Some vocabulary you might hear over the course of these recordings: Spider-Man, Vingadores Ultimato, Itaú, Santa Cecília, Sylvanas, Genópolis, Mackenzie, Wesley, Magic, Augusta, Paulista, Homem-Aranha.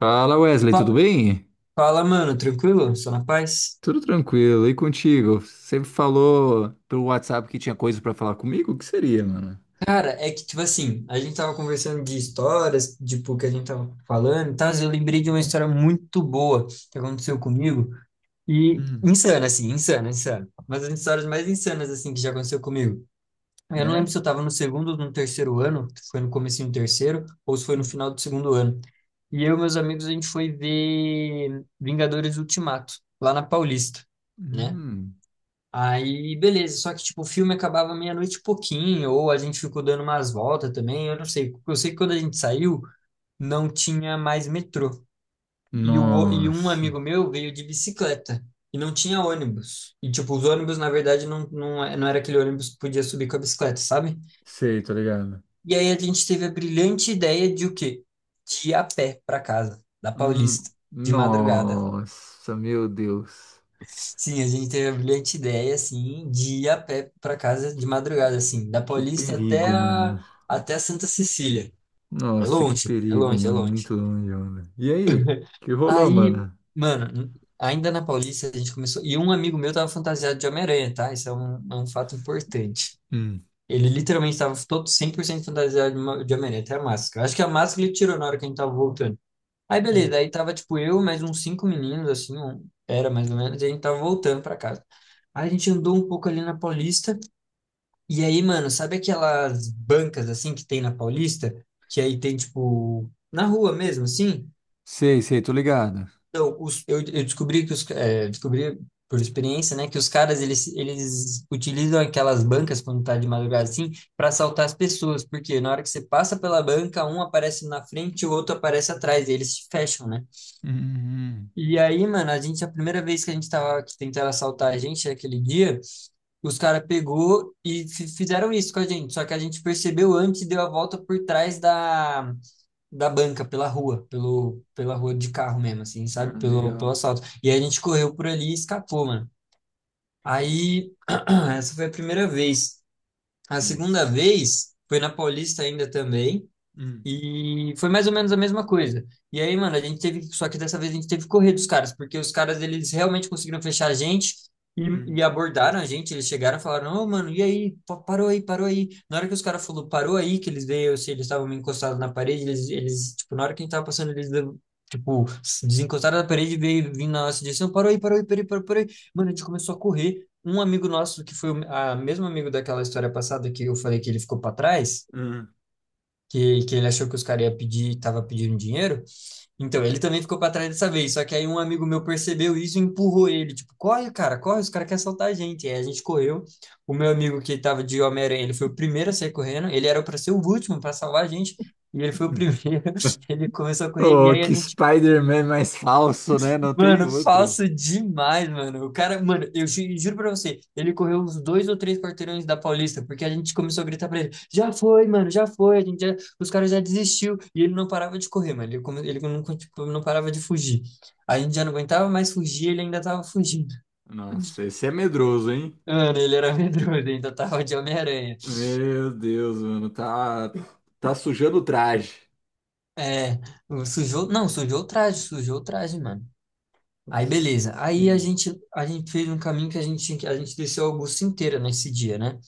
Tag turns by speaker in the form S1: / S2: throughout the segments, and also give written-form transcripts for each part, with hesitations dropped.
S1: Fala, Wesley, tudo
S2: Fa-
S1: bem?
S2: Fala, mano, tranquilo? Só na paz?
S1: Tudo tranquilo, e contigo? Você falou pelo WhatsApp que tinha coisa pra falar comigo? O que seria, mano?
S2: Cara, é que, tipo assim, a gente tava conversando de histórias, tipo, que a gente tava falando e tal, eu lembrei de uma história muito boa que aconteceu comigo, e
S1: Hum,
S2: insana, assim, insana, insana. Uma das histórias mais insanas, assim, que já aconteceu comigo. Eu não lembro
S1: é?
S2: se eu tava no segundo ou no terceiro ano, se foi no comecinho do terceiro, ou se foi no final do segundo ano. E eu e meus amigos, a gente foi ver Vingadores Ultimato, lá na Paulista, né?
S1: Hum,
S2: Aí, beleza, só que tipo, o filme acabava meia-noite e pouquinho, ou a gente ficou dando umas voltas também, eu não sei. Eu sei que quando a gente saiu, não tinha mais metrô. E um
S1: nossa,
S2: amigo meu veio de bicicleta e não tinha ônibus. E tipo, os ônibus, na verdade, não, não, não era aquele ônibus que podia subir com a bicicleta, sabe?
S1: sei, tô ligado.
S2: E aí a gente teve a brilhante ideia de o quê? De ir a pé para casa, da Paulista, de madrugada.
S1: Nossa, meu Deus,
S2: Sim, a gente teve a brilhante ideia, assim, de ir a pé para casa de
S1: que,
S2: madrugada, assim, da
S1: que
S2: Paulista até
S1: perigo,
S2: a,
S1: mano.
S2: até a Santa Cecília. É
S1: Nossa, que
S2: longe, é
S1: perigo,
S2: longe, é
S1: mano,
S2: longe.
S1: muito longe, mano. E aí, que rolou,
S2: Aí,
S1: mano?
S2: mano, ainda na Paulista a gente começou. E um amigo meu tava fantasiado de Homem-Aranha, tá? Isso é um fato importante.
S1: Hum,
S2: Ele literalmente tava todo 100% fantasiado de Homem-Aranha, até a máscara. Acho que a máscara ele tirou na hora que a gente tava voltando. Aí
S1: hum.
S2: beleza, aí tava tipo eu, mais uns cinco meninos, assim, era mais ou menos, e a gente tava voltando pra casa. Aí a gente andou um pouco ali na Paulista, e aí, mano, sabe aquelas bancas assim que tem na Paulista? Que aí tem tipo, na rua mesmo, assim?
S1: Sei, sei, tô ligado.
S2: Então, eu descobri por experiência, né, que os caras eles utilizam aquelas bancas quando tá de madrugada assim pra assaltar as pessoas, porque na hora que você passa pela banca, um aparece na frente e o outro aparece atrás, e eles se fecham, né?
S1: Hum, hum.
S2: E aí, mano, a gente, a primeira vez que a gente tava, que tentaram assaltar a gente aquele dia, os caras pegou e fizeram isso com a gente. Só que a gente percebeu antes e deu a volta por trás da banca, pela rua de carro mesmo, assim,
S1: Ah,
S2: sabe? Pelo
S1: legal.
S2: assalto. E a gente correu por ali e escapou, mano. Aí, essa foi a primeira vez. A segunda
S1: Nossa.
S2: vez foi na Paulista ainda também.
S1: Hum.
S2: E foi mais ou menos a mesma coisa. E aí, mano, a gente teve, só que dessa vez a gente teve que correr dos caras, porque os caras eles realmente conseguiram fechar a gente e,
S1: Hum,
S2: e abordaram a gente. Eles chegaram e falaram: Ô, mano, e aí? Parou aí, parou aí. Na hora que os caras falou parou aí, que eles veio, se eles estavam meio encostados na parede, eles, tipo, na hora que a gente tava passando, tipo, se desencostaram da parede e veio vindo na nossa direção: parou aí, parou aí, parou aí, parou parou aí. Mano, a gente começou a correr. Um amigo nosso, que foi o a mesmo amigo daquela história passada que eu falei que ele ficou pra trás
S1: hum,
S2: que ele achou que os caras iam pedir, estava pedindo dinheiro.
S1: hum,
S2: Então, ele também ficou para trás dessa vez. Só que aí um amigo meu percebeu isso e empurrou ele. Tipo, corre, cara, corre, os caras querem assaltar a gente. Aí a gente correu. O meu amigo que estava de Homem-Aranha, ele foi o primeiro a sair correndo. Ele era para ser o último para salvar a gente. E ele foi o
S1: hum.
S2: primeiro. Ele começou a correr. E
S1: Oh,
S2: aí a
S1: que
S2: gente.
S1: Spider-Man mais falso, né? Não tem
S2: Mano,
S1: outro.
S2: falso demais, mano. O cara, mano, eu juro pra você, ele correu uns dois ou três quarteirões da Paulista, porque a gente começou a gritar pra ele: já foi, mano, já foi, a gente já, os caras já desistiu. E ele não parava de correr, mano. Ele, ele não, tipo, não parava de fugir. A gente já não aguentava mais fugir, ele ainda tava fugindo.
S1: Nossa, esse é medroso, hein?
S2: Mano, ele era medroso, ele ainda tava de Homem-Aranha.
S1: Meu Deus, mano, tá, tá sujando o traje.
S2: É, sujou, não, sujou o traje, mano.
S1: Com
S2: Aí beleza.
S1: certeza.
S2: Aí a gente fez um caminho que a gente, a gente desceu a Augusta inteira nesse dia, né?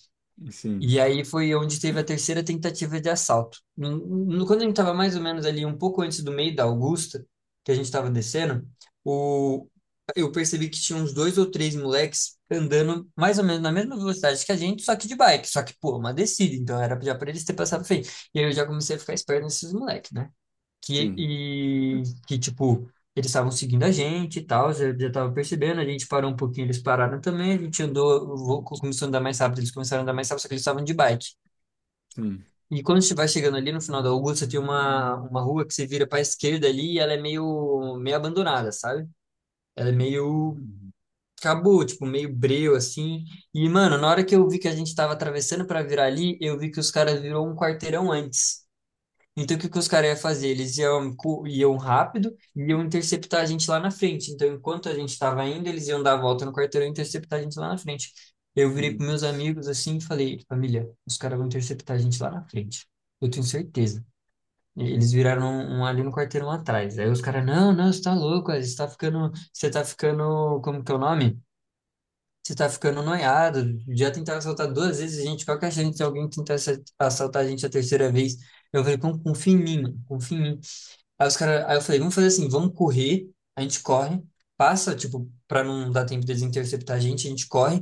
S1: Sim,
S2: E aí foi onde teve a terceira tentativa de assalto. Quando a gente estava mais ou menos ali, um pouco antes do meio da Augusta, que a gente estava descendo, o... eu percebi que tinha uns dois ou três moleques andando mais ou menos na mesma velocidade que a gente, só que de bike. Só que, pô, uma descida, então era já para eles ter passado feio. E aí eu já comecei a ficar esperto nesses moleques, né? Que,
S1: sim,
S2: e, que tipo, eles estavam seguindo a gente e tal, já, já tava percebendo, a gente parou um pouquinho, eles pararam também, a gente andou, começou a andar mais rápido, eles começaram a andar mais rápido, só que eles estavam de bike.
S1: sim.
S2: E quando você vai chegando ali no final da Augusta, tem uma, rua que você vira para a esquerda ali e ela é meio abandonada, sabe? Ela é meio,
S1: Hum,
S2: acabou, tipo, meio breu, assim. E, mano, na hora que eu vi que a gente tava atravessando para virar ali, eu vi que os caras virou um quarteirão antes. Então, o que que os caras iam fazer? Eles iam, iam rápido e iam interceptar a gente lá na frente. Então, enquanto a gente estava indo, eles iam dar a volta no quarteirão e interceptar a gente lá na frente. Eu virei
S1: hum.
S2: para meus amigos assim e falei: família, os caras vão interceptar a gente lá na frente. Eu tenho certeza. E eles viraram um ali no quarteirão atrás. Aí os caras: não, não, você tá louco, você tá ficando, como que é o nome? Você tá ficando noiado. Já tentaram assaltar duas vezes a gente. Qual que é a chance de alguém tentar assaltar a gente a terceira vez? Eu falei, confia em mim, mano, confia em mim. Aí os caras, aí eu falei, vamos fazer assim, vamos correr. A gente corre, passa, tipo, pra não dar tempo deles interceptar a gente corre.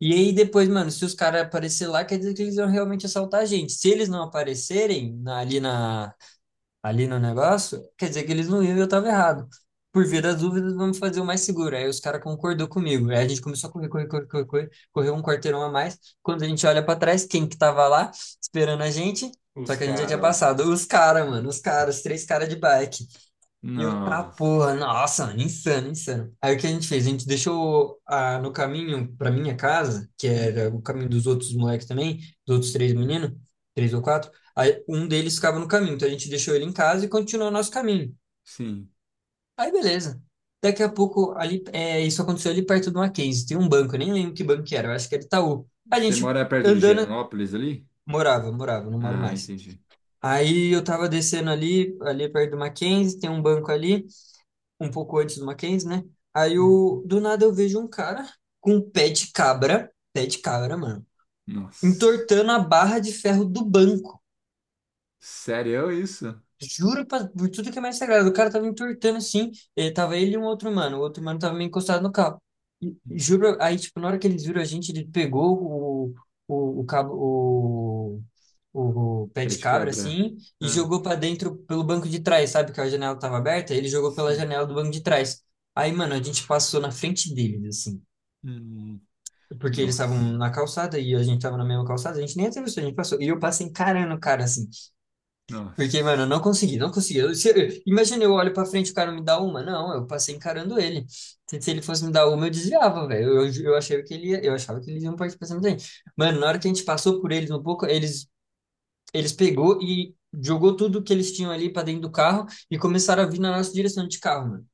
S2: E aí depois, mano, se os caras aparecer lá, quer dizer que eles vão realmente assaltar a gente. Se eles não aparecerem ali na, ali no negócio, quer dizer que eles não iam e eu estava errado. Por via das dúvidas, vamos fazer o mais seguro. Aí os caras concordou comigo. Aí a gente começou a correr, correr, correr, correr, correr, correu um quarteirão a mais. Quando a gente olha para trás, quem que tava lá esperando a gente?
S1: Os
S2: Só que a gente já
S1: caras
S2: tinha
S1: lá.
S2: passado. Os caras, mano, os caras, os três caras de bike. E eu, tá,
S1: Nossa.
S2: porra, nossa, mano, insano, insano. Aí o que a gente fez? A gente deixou ah, no caminho pra minha casa, que era
S1: Hum,
S2: o caminho dos outros moleques também, dos outros
S1: hum,
S2: três meninos, três ou quatro. Aí um deles ficava no caminho, então a gente deixou ele em casa e continuou o nosso caminho.
S1: sim.
S2: Aí beleza. Daqui a pouco, ali, é, isso aconteceu ali perto do Mackenzie, tem um banco, eu nem lembro que banco que era, eu acho que era Itaú. A
S1: Você
S2: gente
S1: mora perto de
S2: andando,
S1: Genópolis ali?
S2: morava, morava, não moro
S1: Ah,
S2: mais.
S1: entendi.
S2: Aí eu tava descendo ali, ali perto do Mackenzie, tem um banco ali um pouco antes do Mackenzie, né? Aí eu,
S1: Uhum.
S2: do nada eu vejo um cara com um pé de cabra, mano,
S1: Nossa.
S2: entortando a barra de ferro do banco.
S1: Sério é isso?
S2: Juro pra- por tudo que é mais sagrado. O cara tava entortando assim. Ele, tava ele e um outro mano. O outro mano tava meio encostado no carro. E juro, aí, tipo, na hora que eles viram a gente, ele pegou o, o, cabo, o pé
S1: Pé
S2: de
S1: de
S2: cabra,
S1: cabra.
S2: assim, e
S1: Ah,
S2: jogou pra dentro pelo banco de trás, sabe? Que a janela tava aberta. Ele jogou pela
S1: sim.
S2: janela do banco de trás. Aí, mano, a gente passou na frente deles, assim.
S1: Hum,
S2: Porque eles estavam
S1: nossa.
S2: na calçada e a gente tava na mesma calçada, a gente nem atravessou, a gente passou. E eu passei encarando o cara, assim. Porque, mano, eu
S1: Nossa.
S2: não consegui, não consegui. Eu- se eu- imagina, eu olho pra frente e o cara me dá uma. Não, eu passei encarando ele. Se ele fosse me dar uma, eu desviava, velho. Eu achei que ele ia, eu achava que eles iam partir pra cima da Mano, na hora que a gente passou por eles um pouco, eles pegou e jogou tudo que eles tinham ali pra dentro do carro e começaram a vir na nossa direção de carro, mano.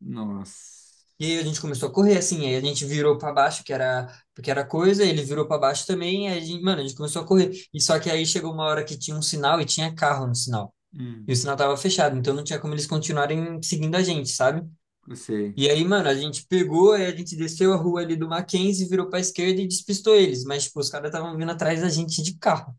S1: Nossa.
S2: E aí a gente começou a correr, assim, aí a gente virou pra baixo, que era coisa, ele virou pra baixo também, aí a gente, mano, a gente começou a correr. E só que aí chegou uma hora que tinha um sinal e tinha carro no sinal.
S1: Hum,
S2: E o sinal tava fechado, então não tinha como eles continuarem seguindo a gente, sabe?
S1: eu sei.
S2: E aí, mano, a gente pegou, aí a gente desceu a rua ali do Mackenzie, virou pra esquerda e despistou eles. Mas, tipo, os caras estavam vindo atrás da gente de carro.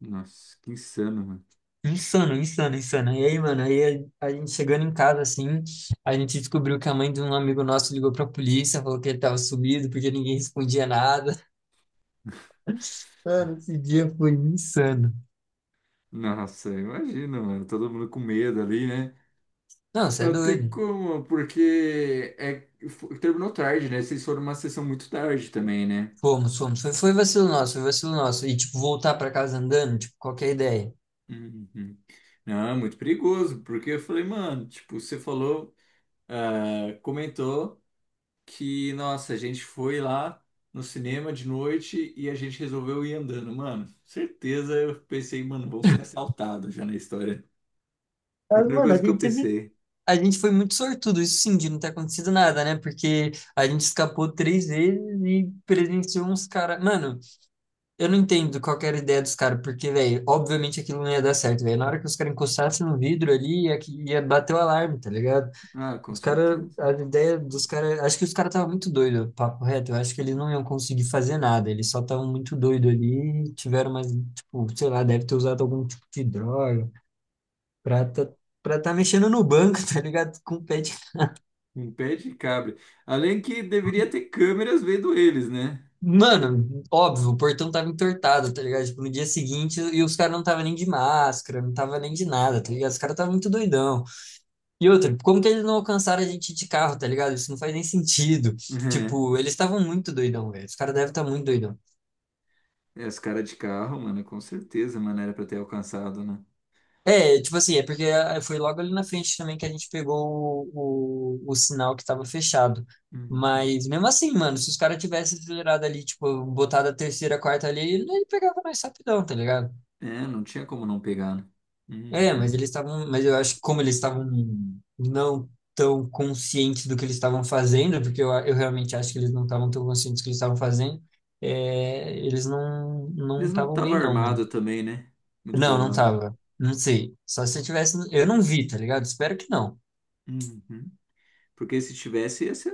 S1: Nossa, que insano, mano.
S2: Insano, insano, insano. E aí, mano, aí a gente chegando em casa, assim, a gente descobriu que a mãe de um amigo nosso ligou pra polícia, falou que ele tava sumido, porque ninguém respondia nada. Mano, esse dia foi insano.
S1: Nossa, imagina, mano. Todo mundo com medo ali, né?
S2: Não, você é
S1: Não tem
S2: doido.
S1: como, porque é, terminou tarde, né? Vocês foram uma sessão muito tarde também, né?
S2: Fomos, fomos. Foi, foi vacilo nosso, foi vacilo nosso. E, tipo, voltar pra casa andando, tipo, qualquer ideia.
S1: Uhum. Não, é muito perigoso, porque eu falei, mano, tipo, você falou, ah, comentou, que, nossa, a gente foi lá no cinema de noite e a gente resolveu ir andando. Mano, certeza eu pensei, mano, vão ser assaltados já na história.
S2: Mas,
S1: Primeira
S2: mano,
S1: coisa
S2: a
S1: que eu
S2: gente teve-
S1: pensei.
S2: a gente foi muito sortudo, isso sim, de não ter acontecido nada, né? Porque a gente escapou 3 vezes e presenciou uns caras. Mano, eu não entendo qual que era a ideia dos caras, porque, velho, obviamente aquilo não ia dar certo, velho. Na hora que os caras encostassem no vidro ali, ia, que- ia bater o alarme, tá ligado?
S1: Ah, com
S2: Os caras,
S1: certeza.
S2: a ideia dos caras. Acho que os caras estavam muito doidos, papo reto. Eu acho que eles não iam conseguir fazer nada, eles só estavam muito doidos ali, e tiveram mais, tipo, sei lá, deve ter usado algum tipo de droga. Pra tá, pra tá mexendo no banco, tá ligado? Com o pé de...
S1: Um pé de cabra. Além que deveria ter câmeras vendo eles, né?
S2: Mano, óbvio, o portão tava entortado, tá ligado? Tipo, no dia seguinte, e os caras não tava nem de máscara, não tava nem de nada, tá ligado? Os caras estavam muito doidão. E outra, como que eles não alcançaram a gente de carro, tá ligado? Isso não faz nem sentido. Tipo, eles estavam muito doidão, velho. Os caras devem estar muito doidão.
S1: É, é, os caras de carro, mano, com certeza, mano, era pra ter alcançado, né?
S2: É, tipo assim, é porque ah, foi logo ali na frente também que a gente pegou o sinal que tava fechado.
S1: Uhum.
S2: Mas mesmo assim, mano, se os caras tivessem acelerado ali, tipo, botado a terceira, a quarta ali, ele pegava mais rapidão, tá ligado?
S1: É, não tinha como não pegar, né?
S2: É, mas
S1: Uhum.
S2: eles estavam, mas eu acho que como eles estavam não tão conscientes do que eles estavam fazendo, porque eu realmente acho que eles não estavam tão conscientes do que eles estavam fazendo, é, eles não
S1: Eles não
S2: estavam
S1: estavam
S2: bem não, mano.
S1: armados também, né? Muito
S2: Não, não
S1: provável.
S2: tava. Não sei. Só se eu tivesse. Eu não vi, tá ligado? Espero que não.
S1: Uhum. Porque se tivesse,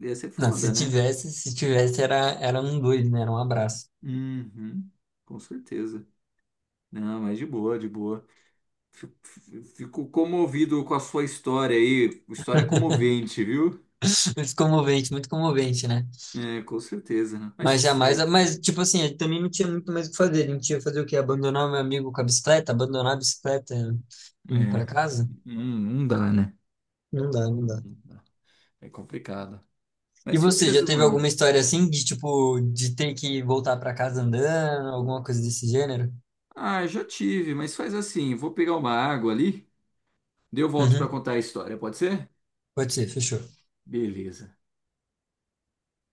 S1: ia ser
S2: Não, se
S1: foda, né?
S2: tivesse, se tivesse, era um dois, né? Era um abraço.
S1: Uhum, com certeza. Não, mas de boa, de boa. Fico, fico comovido com a sua história aí. História comovente, viu?
S2: Muito comovente, né?
S1: É, com certeza, né? Mas
S2: Mas
S1: tá
S2: jamais,
S1: certo, mano.
S2: mas tipo assim, ele também não tinha muito mais o que fazer. A gente ia fazer o quê? Abandonar o meu amigo com a bicicleta? Abandonar a bicicleta e ir pra
S1: É,
S2: casa?
S1: não, não dá, né?
S2: Não dá, não
S1: Não
S2: dá.
S1: dá. É complicado.
S2: E
S1: Mas
S2: você, já
S1: firmeza,
S2: teve
S1: mano.
S2: alguma história assim de tipo, de ter que voltar pra casa andando, alguma coisa desse gênero?
S1: Ah, já tive, mas faz assim, vou pegar uma água ali, daí eu volto pra
S2: Uhum,
S1: contar a história, pode ser?
S2: pode ser, fechou.
S1: Beleza.